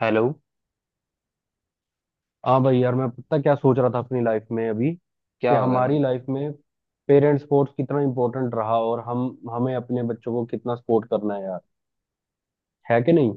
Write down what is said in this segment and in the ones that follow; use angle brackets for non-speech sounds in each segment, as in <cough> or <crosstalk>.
Hello. हाँ भाई यार, मैं पता क्या सोच रहा था अपनी लाइफ में अभी क्या कि हो गया हमारी भाई? लाइफ में पेरेंट स्पोर्ट्स कितना इम्पोर्टेंट रहा। और हम हमें अपने बच्चों को कितना सपोर्ट करना है यार, है कि नहीं।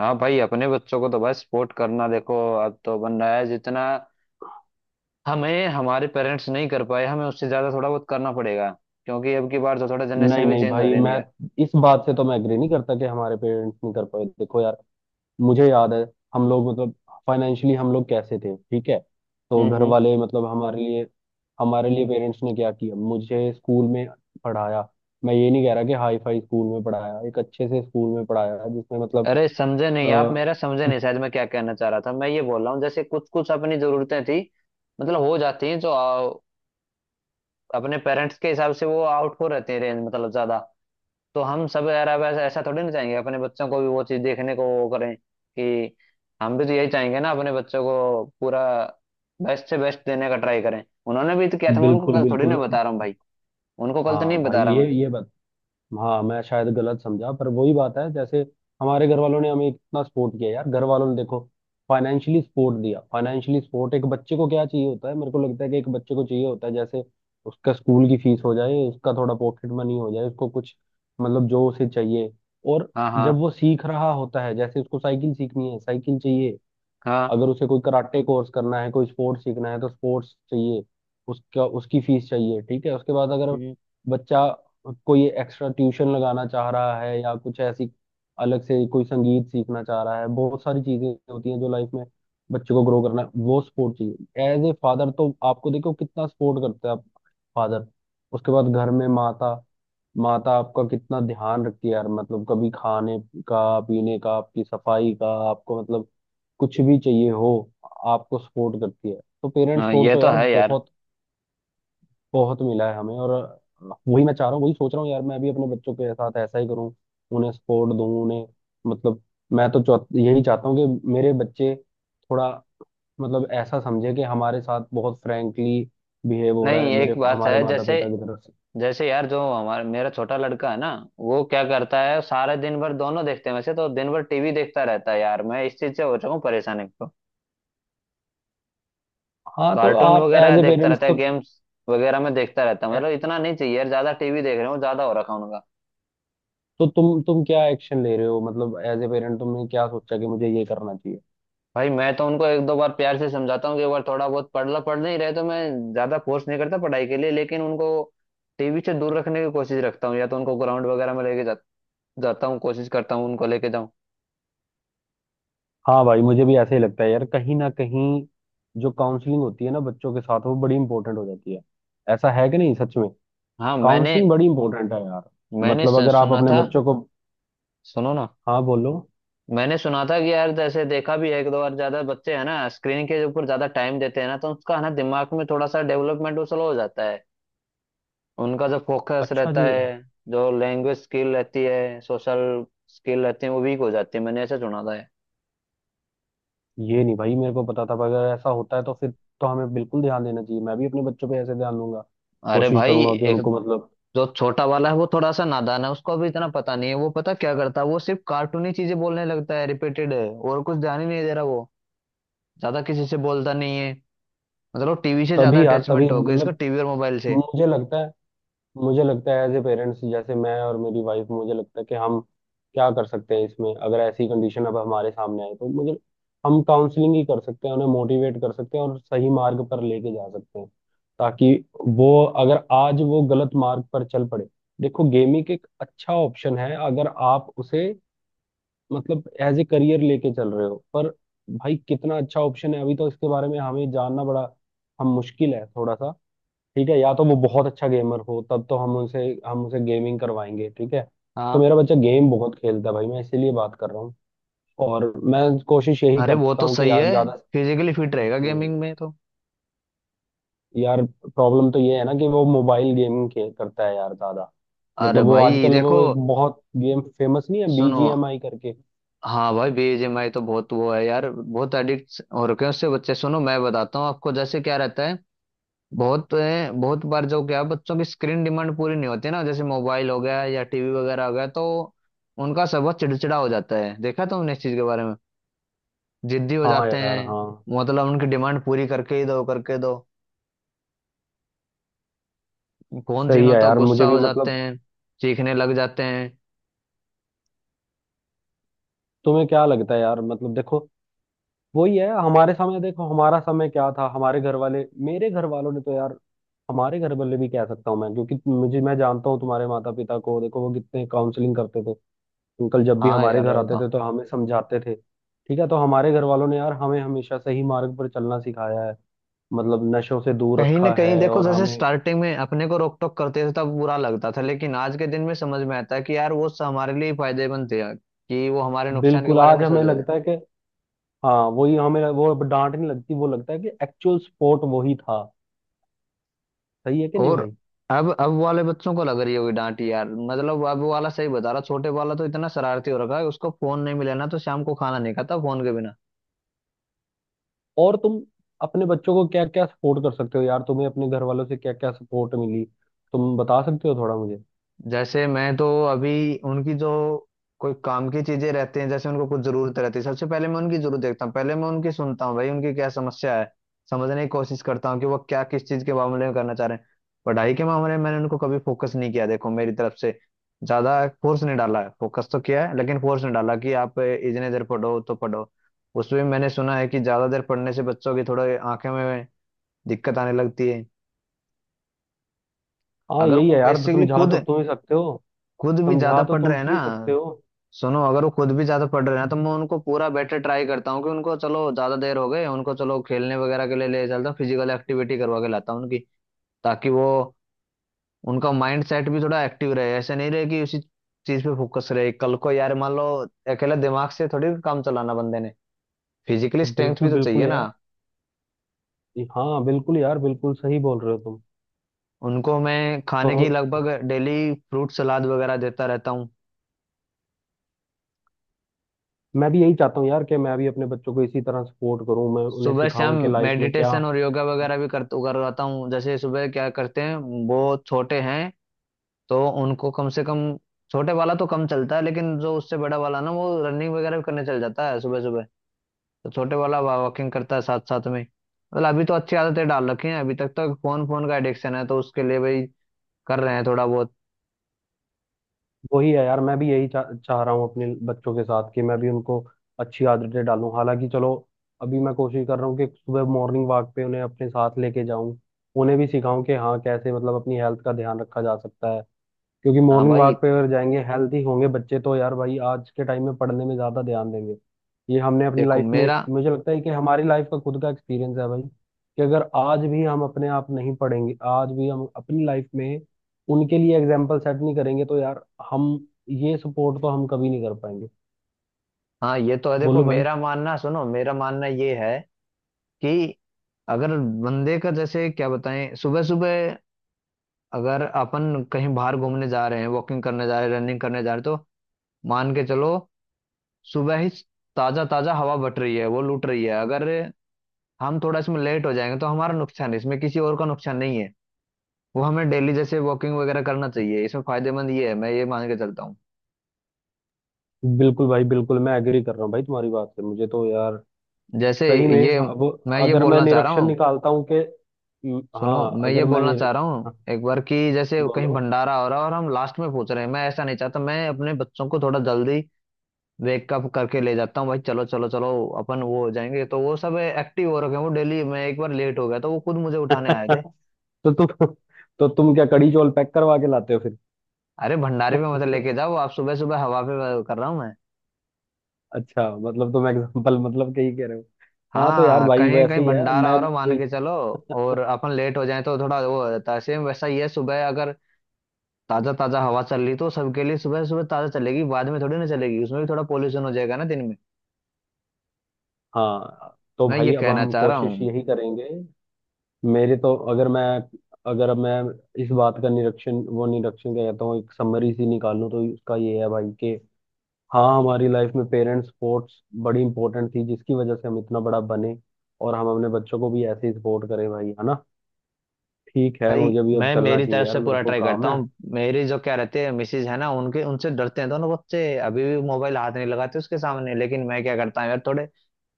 हाँ भाई, अपने बच्चों को तो भाई सपोर्ट करना, देखो। अब तो बन रहा है जितना। हमें हमारे पेरेंट्स नहीं कर पाए, हमें उससे ज्यादा थोड़ा बहुत करना पड़ेगा। क्योंकि अब की बार तो थोड़ा नहीं जनरेशन भी नहीं चेंज हो भाई, रही है ना मैं यार। इस बात से तो मैं एग्री नहीं करता कि हमारे पेरेंट्स नहीं कर पाए। देखो यार, मुझे याद है, हम लोग मतलब फाइनेंशियली हम लोग कैसे थे, ठीक है। तो हम्म। घर हम्म। वाले मतलब हमारे लिए पेरेंट्स ने क्या किया, मुझे स्कूल में पढ़ाया। मैं ये नहीं कह रहा कि हाई फाई स्कूल में पढ़ाया, एक अच्छे से स्कूल में पढ़ाया जिसमें मतलब। अरे, समझे नहीं आप, अ, मेरा समझे नहीं शायद। मैं क्या कहना चाह रहा था, मैं ये बोल रहा हूँ, जैसे कुछ कुछ अपनी जरूरतें थी, मतलब हो जाती हैं जो अपने पेरेंट्स के हिसाब से वो आउट हो रहते हैं रेंज, मतलब ज्यादा। तो हम सब यार अब ऐसा ऐसा थोड़ी ना चाहेंगे अपने बच्चों को भी वो चीज देखने को, वो करें कि हम भी तो यही चाहेंगे ना अपने बच्चों को पूरा बेस्ट से बेस्ट देने का ट्राई करें। उन्होंने भी तो किया था, मैं उनको बिल्कुल कल थोड़ी बिल्कुल। ना बता रहा हूँ भाई। उनको कल तो नहीं हाँ बता भाई, रहा ये मैं। ये बात, हाँ मैं शायद गलत समझा, पर वही बात है जैसे हमारे घर वालों ने हमें इतना सपोर्ट किया यार। घर वालों ने देखो, फाइनेंशियली सपोर्ट दिया। फाइनेंशियली सपोर्ट एक बच्चे को क्या चाहिए होता है, मेरे को लगता है कि एक बच्चे को चाहिए होता है जैसे उसका स्कूल की फीस हो जाए, उसका थोड़ा पॉकेट मनी हो जाए, उसको कुछ मतलब जो उसे चाहिए। और हाँ, जब हाँ। वो सीख रहा होता है, जैसे उसको साइकिल सीखनी है, साइकिल चाहिए। हाँ। अगर उसे कोई कराटे कोर्स करना है, कोई स्पोर्ट्स सीखना है, तो स्पोर्ट्स चाहिए, उसका उसकी फीस चाहिए, ठीक है। उसके बाद अगर हम्म। बच्चा कोई एक्स्ट्रा ट्यूशन लगाना चाह रहा है, या कुछ ऐसी अलग से कोई संगीत सीखना चाह रहा है, बहुत सारी चीजें होती हैं जो लाइफ में बच्चे को ग्रो करना है, वो सपोर्ट चाहिए। एज ए फादर तो आपको देखो कितना सपोर्ट करता है फादर। उसके बाद घर में माता माता आपका कितना ध्यान रखती है यार, मतलब कभी खाने का, पीने का, आपकी सफाई का, आपको मतलब कुछ भी चाहिए हो, आपको सपोर्ट करती है। तो पेरेंट्स हाँ, सपोर्ट ये तो तो यार है यार। बहुत बहुत मिला है हमें। और वही मैं चाह रहा हूँ, वही सोच रहा हूँ यार, मैं भी अपने बच्चों के साथ ऐसा ही करूँ, उन्हें सपोर्ट दूँ, उन्हें मतलब। मैं तो यही चाहता हूँ कि मेरे बच्चे थोड़ा मतलब ऐसा समझे कि हमारे साथ बहुत फ्रैंकली बिहेव हो रहा नहीं, है एक मेरे बात हमारे है, माता जैसे पिता की तरफ से। जैसे यार, जो हमारा मेरा छोटा लड़का है ना, वो क्या करता है सारे दिन भर, दोनों देखते हैं वैसे तो। दिन भर टीवी देखता रहता है यार, मैं इस चीज से हो चुका हूँ परेशान। हाँ, तो कार्टून आप वगैरह एज ए देखता पेरेंट्स रहता तो है, गेम्स वगैरह में देखता रहता है, मतलब इतना नहीं चाहिए यार। ज्यादा टीवी देख रहे हो, ज्यादा हो रखा है उनका। तो तुम क्या एक्शन ले रहे हो, मतलब एज ए पेरेंट तुमने क्या सोचा कि मुझे ये करना चाहिए। भाई, मैं तो उनको एक दो बार प्यार से समझाता हूँ कि एक बार थोड़ा बहुत पढ़ लो। पढ़ नहीं रहे तो मैं ज्यादा फोर्स नहीं करता पढ़ाई के लिए, लेकिन उनको टीवी से दूर रखने की कोशिश रखता हूँ। या तो उनको ग्राउंड वगैरह में लेके जाता हूँ, कोशिश करता हूँ उनको लेके जाऊँ। हाँ भाई, मुझे भी ऐसा ही लगता है यार, कहीं ना कहीं जो काउंसलिंग होती है ना बच्चों के साथ वो बड़ी इंपॉर्टेंट हो जाती है। ऐसा है कि नहीं सच में, हाँ मैंने काउंसलिंग बड़ी इंपॉर्टेंट है यार। मैंने मतलब अगर आप सुना अपने था। बच्चों को, सुनो ना, हाँ बोलो। मैंने सुना था कि यार, जैसे देखा भी है एक दो बार, ज्यादा बच्चे है ना स्क्रीन के ऊपर ज्यादा टाइम देते हैं ना, तो उसका है ना, दिमाग में थोड़ा सा डेवलपमेंट वो स्लो हो जाता है उनका। जो फोकस अच्छा रहता जी। है, जो लैंग्वेज स्किल रहती है, सोशल स्किल रहती है, वो वीक हो जाती है। मैंने ऐसा सुना था है। ये नहीं भाई मेरे को पता था, पर अगर ऐसा होता है तो फिर तो हमें बिल्कुल ध्यान देना चाहिए। मैं भी अपने बच्चों पे ऐसे ध्यान दूंगा, अरे कोशिश भाई, करूंगा कि एक उनको मतलब। जो छोटा वाला है वो थोड़ा सा नादान है, उसको अभी इतना पता नहीं है। वो पता क्या करता है, वो सिर्फ कार्टूनी चीजें बोलने लगता है रिपीटेड, है और कुछ ध्यान ही नहीं दे रहा वो। ज्यादा किसी से बोलता नहीं है। मतलब टीवी से ज्यादा तभी यार, तभी अटैचमेंट हो गई इसका, मतलब टीवी और मोबाइल से। मुझे लगता है मुझे लगता है एज ए पेरेंट्स जैसे मैं और मेरी वाइफ, मुझे लगता है कि हम क्या कर सकते हैं इसमें अगर ऐसी कंडीशन अब हमारे सामने आए, तो मुझे, हम काउंसलिंग ही कर सकते हैं, उन्हें मोटिवेट कर सकते हैं और सही मार्ग पर लेके जा सकते हैं। ताकि वो, अगर आज वो गलत मार्ग पर चल पड़े। देखो गेमिंग एक अच्छा ऑप्शन है अगर आप उसे मतलब एज ए करियर लेके चल रहे हो, पर भाई कितना अच्छा ऑप्शन है अभी, तो इसके बारे में हमें जानना बड़ा हम मुश्किल है थोड़ा सा, ठीक है। या तो वो बहुत अच्छा गेमर हो, तब तो हम उसे गेमिंग करवाएंगे, ठीक है। तो हाँ। मेरा बच्चा गेम बहुत खेलता है भाई, मैं इसीलिए बात कर रहा हूँ। और मैं कोशिश यही अरे, वो करता तो हूँ कि सही यार है, ज्यादा, फिजिकली फिट रहेगा हम्म, गेमिंग में तो। यार प्रॉब्लम तो ये है ना कि वो मोबाइल गेमिंग खेल करता है यार ज्यादा। अरे मतलब वो भाई आजकल देखो, वो एक बहुत गेम फेमस नहीं है सुनो। बीजीएमआई करके। हाँ भाई, बीजीएमआई तो बहुत वो है यार, बहुत एडिक्ट हो रखे हैं उससे बच्चे। सुनो मैं बताता हूँ आपको, जैसे क्या रहता है, बहुत बार जो क्या है, बच्चों की स्क्रीन डिमांड पूरी नहीं होती ना, जैसे मोबाइल हो गया या टीवी वगैरह हो गया, तो उनका स्वभाव चिड़चिड़ा हो जाता है। देखा तुमने इस चीज के बारे में? जिद्दी हो हाँ जाते यार, हैं, हाँ, मतलब उनकी डिमांड पूरी करके ही दो, करके दो। फोन सही छीनो है तो यार, गुस्सा मुझे भी हो जाते मतलब, हैं, चीखने लग जाते हैं। तुम्हें क्या लगता है यार, मतलब देखो, वही है हमारे समय। देखो हमारा समय क्या था, हमारे घर वाले, मेरे घर वालों ने तो यार, हमारे घर वाले भी कह सकता हूँ मैं, क्योंकि मुझे मैं जानता हूँ तुम्हारे माता पिता को, देखो वो कितने काउंसलिंग करते थे। अंकल जब भी हाँ हमारे यार, घर वो आते तो। थे, तो हमें समझाते थे, ठीक है। तो हमारे घर वालों ने यार हमें हमेशा सही मार्ग पर चलना सिखाया है, मतलब नशों से दूर कहीं ना रखा कहीं है। देखो, और जैसे हमें स्टार्टिंग में अपने को रोक टोक करते थे तब बुरा लगता था, लेकिन आज के दिन में समझ में आता है कि यार वो हमारे लिए ही फायदेमंद थे यार, कि वो हमारे नुकसान के बिल्कुल बारे में आज नहीं हमें सोच रहे थे। लगता है कि हाँ, वही हमें वो अब डांट नहीं लगती, वो लगता है कि एक्चुअल सपोर्ट वही था। सही है कि नहीं और भाई। अब वाले बच्चों को लग रही होगी डांट यार। मतलब अब वाला सही बता रहा, छोटे वाला तो इतना शरारती हो रखा है, उसको फोन नहीं मिला ना तो शाम को खाना नहीं खाता फोन के बिना। और तुम अपने बच्चों को क्या क्या सपोर्ट कर सकते हो यार, तुम्हें अपने घर वालों से क्या क्या सपोर्ट मिली, तुम बता सकते हो थोड़ा मुझे। जैसे मैं तो अभी, उनकी जो कोई काम की चीजें रहती हैं, जैसे उनको कुछ जरूरत रहती है, सबसे पहले मैं उनकी जरूरत देखता हूँ। पहले मैं उनकी सुनता हूँ भाई, उनकी क्या समस्या है, समझने की कोशिश करता हूँ कि वो क्या, किस चीज के मामले में करना चाह रहे हैं। पढ़ाई के मामले में मैंने उनको कभी फोकस नहीं किया, देखो मेरी तरफ से ज्यादा फोर्स नहीं डाला है। फोकस तो किया है, लेकिन फोर्स नहीं डाला कि आप इतने देर पढ़ो तो पढ़ो। उसमें मैंने सुना है कि ज्यादा देर पढ़ने से बच्चों की थोड़े आंखें में दिक्कत आने लगती है। हाँ अगर यही वो है यार, तो बेसिकली समझा खुद तो तुम ही सकते हो खुद भी ज्यादा समझा तो पढ़ रहे तुम हैं ना। ही सकते हो सुनो, अगर वो खुद भी ज्यादा पढ़ रहे हैं तो मैं उनको पूरा बेटर ट्राई करता हूँ कि उनको, चलो ज्यादा देर हो गए उनको, चलो खेलने वगैरह के लिए ले चलता हूँ, फिजिकल एक्टिविटी करवा के लाता हूँ उनकी, ताकि वो, उनका माइंड सेट भी थोड़ा एक्टिव रहे, ऐसे नहीं रहे कि उसी चीज पे फोकस रहे। कल को यार मान लो, अकेला दिमाग से थोड़ी काम चलाना बंदे ने, फिजिकली स्ट्रेंथ भी बिल्कुल तो बिल्कुल चाहिए ना। यार, हाँ बिल्कुल यार, बिल्कुल सही बोल रहे हो तुम उनको मैं तो। खाने की लगभग डेली फ्रूट सलाद वगैरह देता रहता हूँ। मैं भी यही चाहता हूँ यार कि मैं भी अपने बच्चों को इसी तरह सपोर्ट करूँ, मैं उन्हें सुबह शाम सिखाऊं कि लाइफ में क्या। मेडिटेशन और योगा वगैरह भी कर करवाता हूँ। जैसे सुबह क्या करते हैं, वो छोटे हैं तो उनको कम से कम, छोटे वाला तो कम चलता है, लेकिन जो उससे बड़ा वाला ना वो रनिंग वगैरह भी करने चल जाता है सुबह सुबह। तो छोटे वाला वॉकिंग करता है साथ साथ में। मतलब अभी तो अच्छी आदतें डाल रखी हैं, अभी तक। तो फोन फोन का एडिक्शन है, तो उसके लिए भाई कर रहे हैं थोड़ा बहुत। वही है यार, मैं भी यही चाह रहा हूँ अपने बच्चों के साथ कि मैं भी उनको अच्छी आदतें डालूं। हालांकि चलो अभी मैं कोशिश कर रहा हूँ कि सुबह मॉर्निंग वॉक पे उन्हें अपने साथ लेके जाऊं, उन्हें भी सिखाऊं कि हाँ कैसे मतलब अपनी हेल्थ का ध्यान रखा जा सकता है। क्योंकि हाँ मॉर्निंग भाई, वॉक पे अगर जाएंगे, हेल्थी होंगे बच्चे, तो यार भाई आज के टाइम में पढ़ने में ज्यादा ध्यान देंगे। ये हमने अपनी देखो लाइफ में मेरा। मुझे लगता है कि हमारी लाइफ का खुद का एक्सपीरियंस है भाई कि अगर आज भी हम अपने आप नहीं पढ़ेंगे, आज भी हम अपनी लाइफ में उनके लिए एग्जाम्पल सेट नहीं करेंगे, तो यार हम ये सपोर्ट तो हम कभी नहीं कर पाएंगे। हाँ, ये तो है। देखो बोलो भाई। मेरा मानना, सुनो, मेरा मानना ये है कि, अगर बंदे का, जैसे क्या बताएं, सुबह सुबह अगर अपन कहीं बाहर घूमने जा रहे हैं, वॉकिंग करने जा रहे हैं, रनिंग करने जा रहे हैं, तो मान के चलो, सुबह ही ताजा ताजा हवा बट रही है, वो लूट रही है। अगर हम थोड़ा इसमें लेट हो जाएंगे तो हमारा नुकसान है, इसमें किसी और का नुकसान नहीं है। वो हमें डेली जैसे वॉकिंग वगैरह करना चाहिए, इसमें फायदेमंद ये है, मैं ये मान के चलता हूँ। बिल्कुल भाई बिल्कुल, मैं एग्री कर रहा हूँ भाई तुम्हारी बात से, मुझे तो यार जैसे सही में ये, अब मैं ये अगर मैं बोलना चाह रहा निरीक्षण हूँ। निकालता हूँ कि, सुनो, हाँ, मैं ये अगर मैं बोलना चाह रहा निरीक्षण, हूँ हाँ, एक बार, कि जैसे कहीं बोलो। भंडारा हो रहा है और हम लास्ट में पहुंच रहे हैं, मैं ऐसा नहीं चाहता। मैं अपने बच्चों को थोड़ा जल्दी वेकअप करके ले जाता हूँ भाई, चलो चलो चलो, अपन वो हो जाएंगे। तो वो सब एक्टिव हो रखे हैं वो डेली, मैं एक बार लेट हो गया तो वो खुद मुझे उठाने आए थे। <laughs> तो तुम, तो तुम क्या कड़ी चौल पैक करवा के लाते हो फिर। अरे, भंडारे पे मत लेके जाओ आप, सुबह सुबह हवा पे कर रहा हूँ मैं। अच्छा मतलब तुम एग्जाम्पल मतलब कहीं कह रहे हो। हाँ, तो यार हाँ, भाई कहीं कहीं वैसे ही है, भंडारा हो रहा मान भी- के चलो, और अपन लेट हो जाए तो थोड़ा वो हो जाता है, सेम वैसा ही है। सुबह अगर ताजा ताजा हवा चल रही तो सबके लिए, सुबह सुबह ताजा चलेगी, बाद में थोड़ी ना चलेगी, उसमें भी थोड़ा पोल्यूशन हो जाएगा ना दिन में। हाँ तो मैं ये भाई अब कहना हम चाह रहा कोशिश हूँ यही करेंगे। मेरे तो अगर मैं, अगर अब मैं इस बात का निरीक्षण, वो निरीक्षण क्या कहता हूँ, एक समरी सी निकालूं तो उसका ये है भाई कि हाँ, हमारी लाइफ में पेरेंट्स सपोर्ट्स बड़ी इंपॉर्टेंट थी जिसकी वजह से हम इतना बड़ा बने, और हम अपने बच्चों को भी ऐसे ही सपोर्ट करें भाई, है ना। ठीक है, भाई। मुझे भी अब मैं चलना मेरी चाहिए तरफ यार, से मेरे पूरा को ट्राई करता काम है। हूँ, मेरी जो क्या रहती है मिसेज है ना, उनके, उनसे डरते हैं दोनों बच्चे। अभी भी मोबाइल हाथ नहीं लगाते उसके सामने। लेकिन मैं क्या करता हूँ यार, थोड़े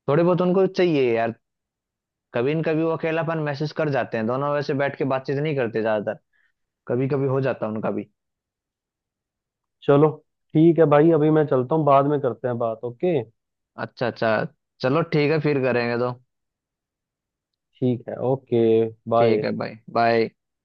थोड़े बहुत उनको चाहिए यार, कभी न कभी वो अकेलापन महसूस कर जाते हैं। दोनों वैसे बैठ के बातचीत नहीं करते ज्यादातर, कभी कभी हो जाता है उनका भी। चलो ठीक है भाई, अभी मैं चलता हूँ, बाद में करते हैं बात, ओके। अच्छा अच्छा। चलो ठीक है, फिर करेंगे तो। ठीक है, ओके, ठीक बाय। है भाई, बाय।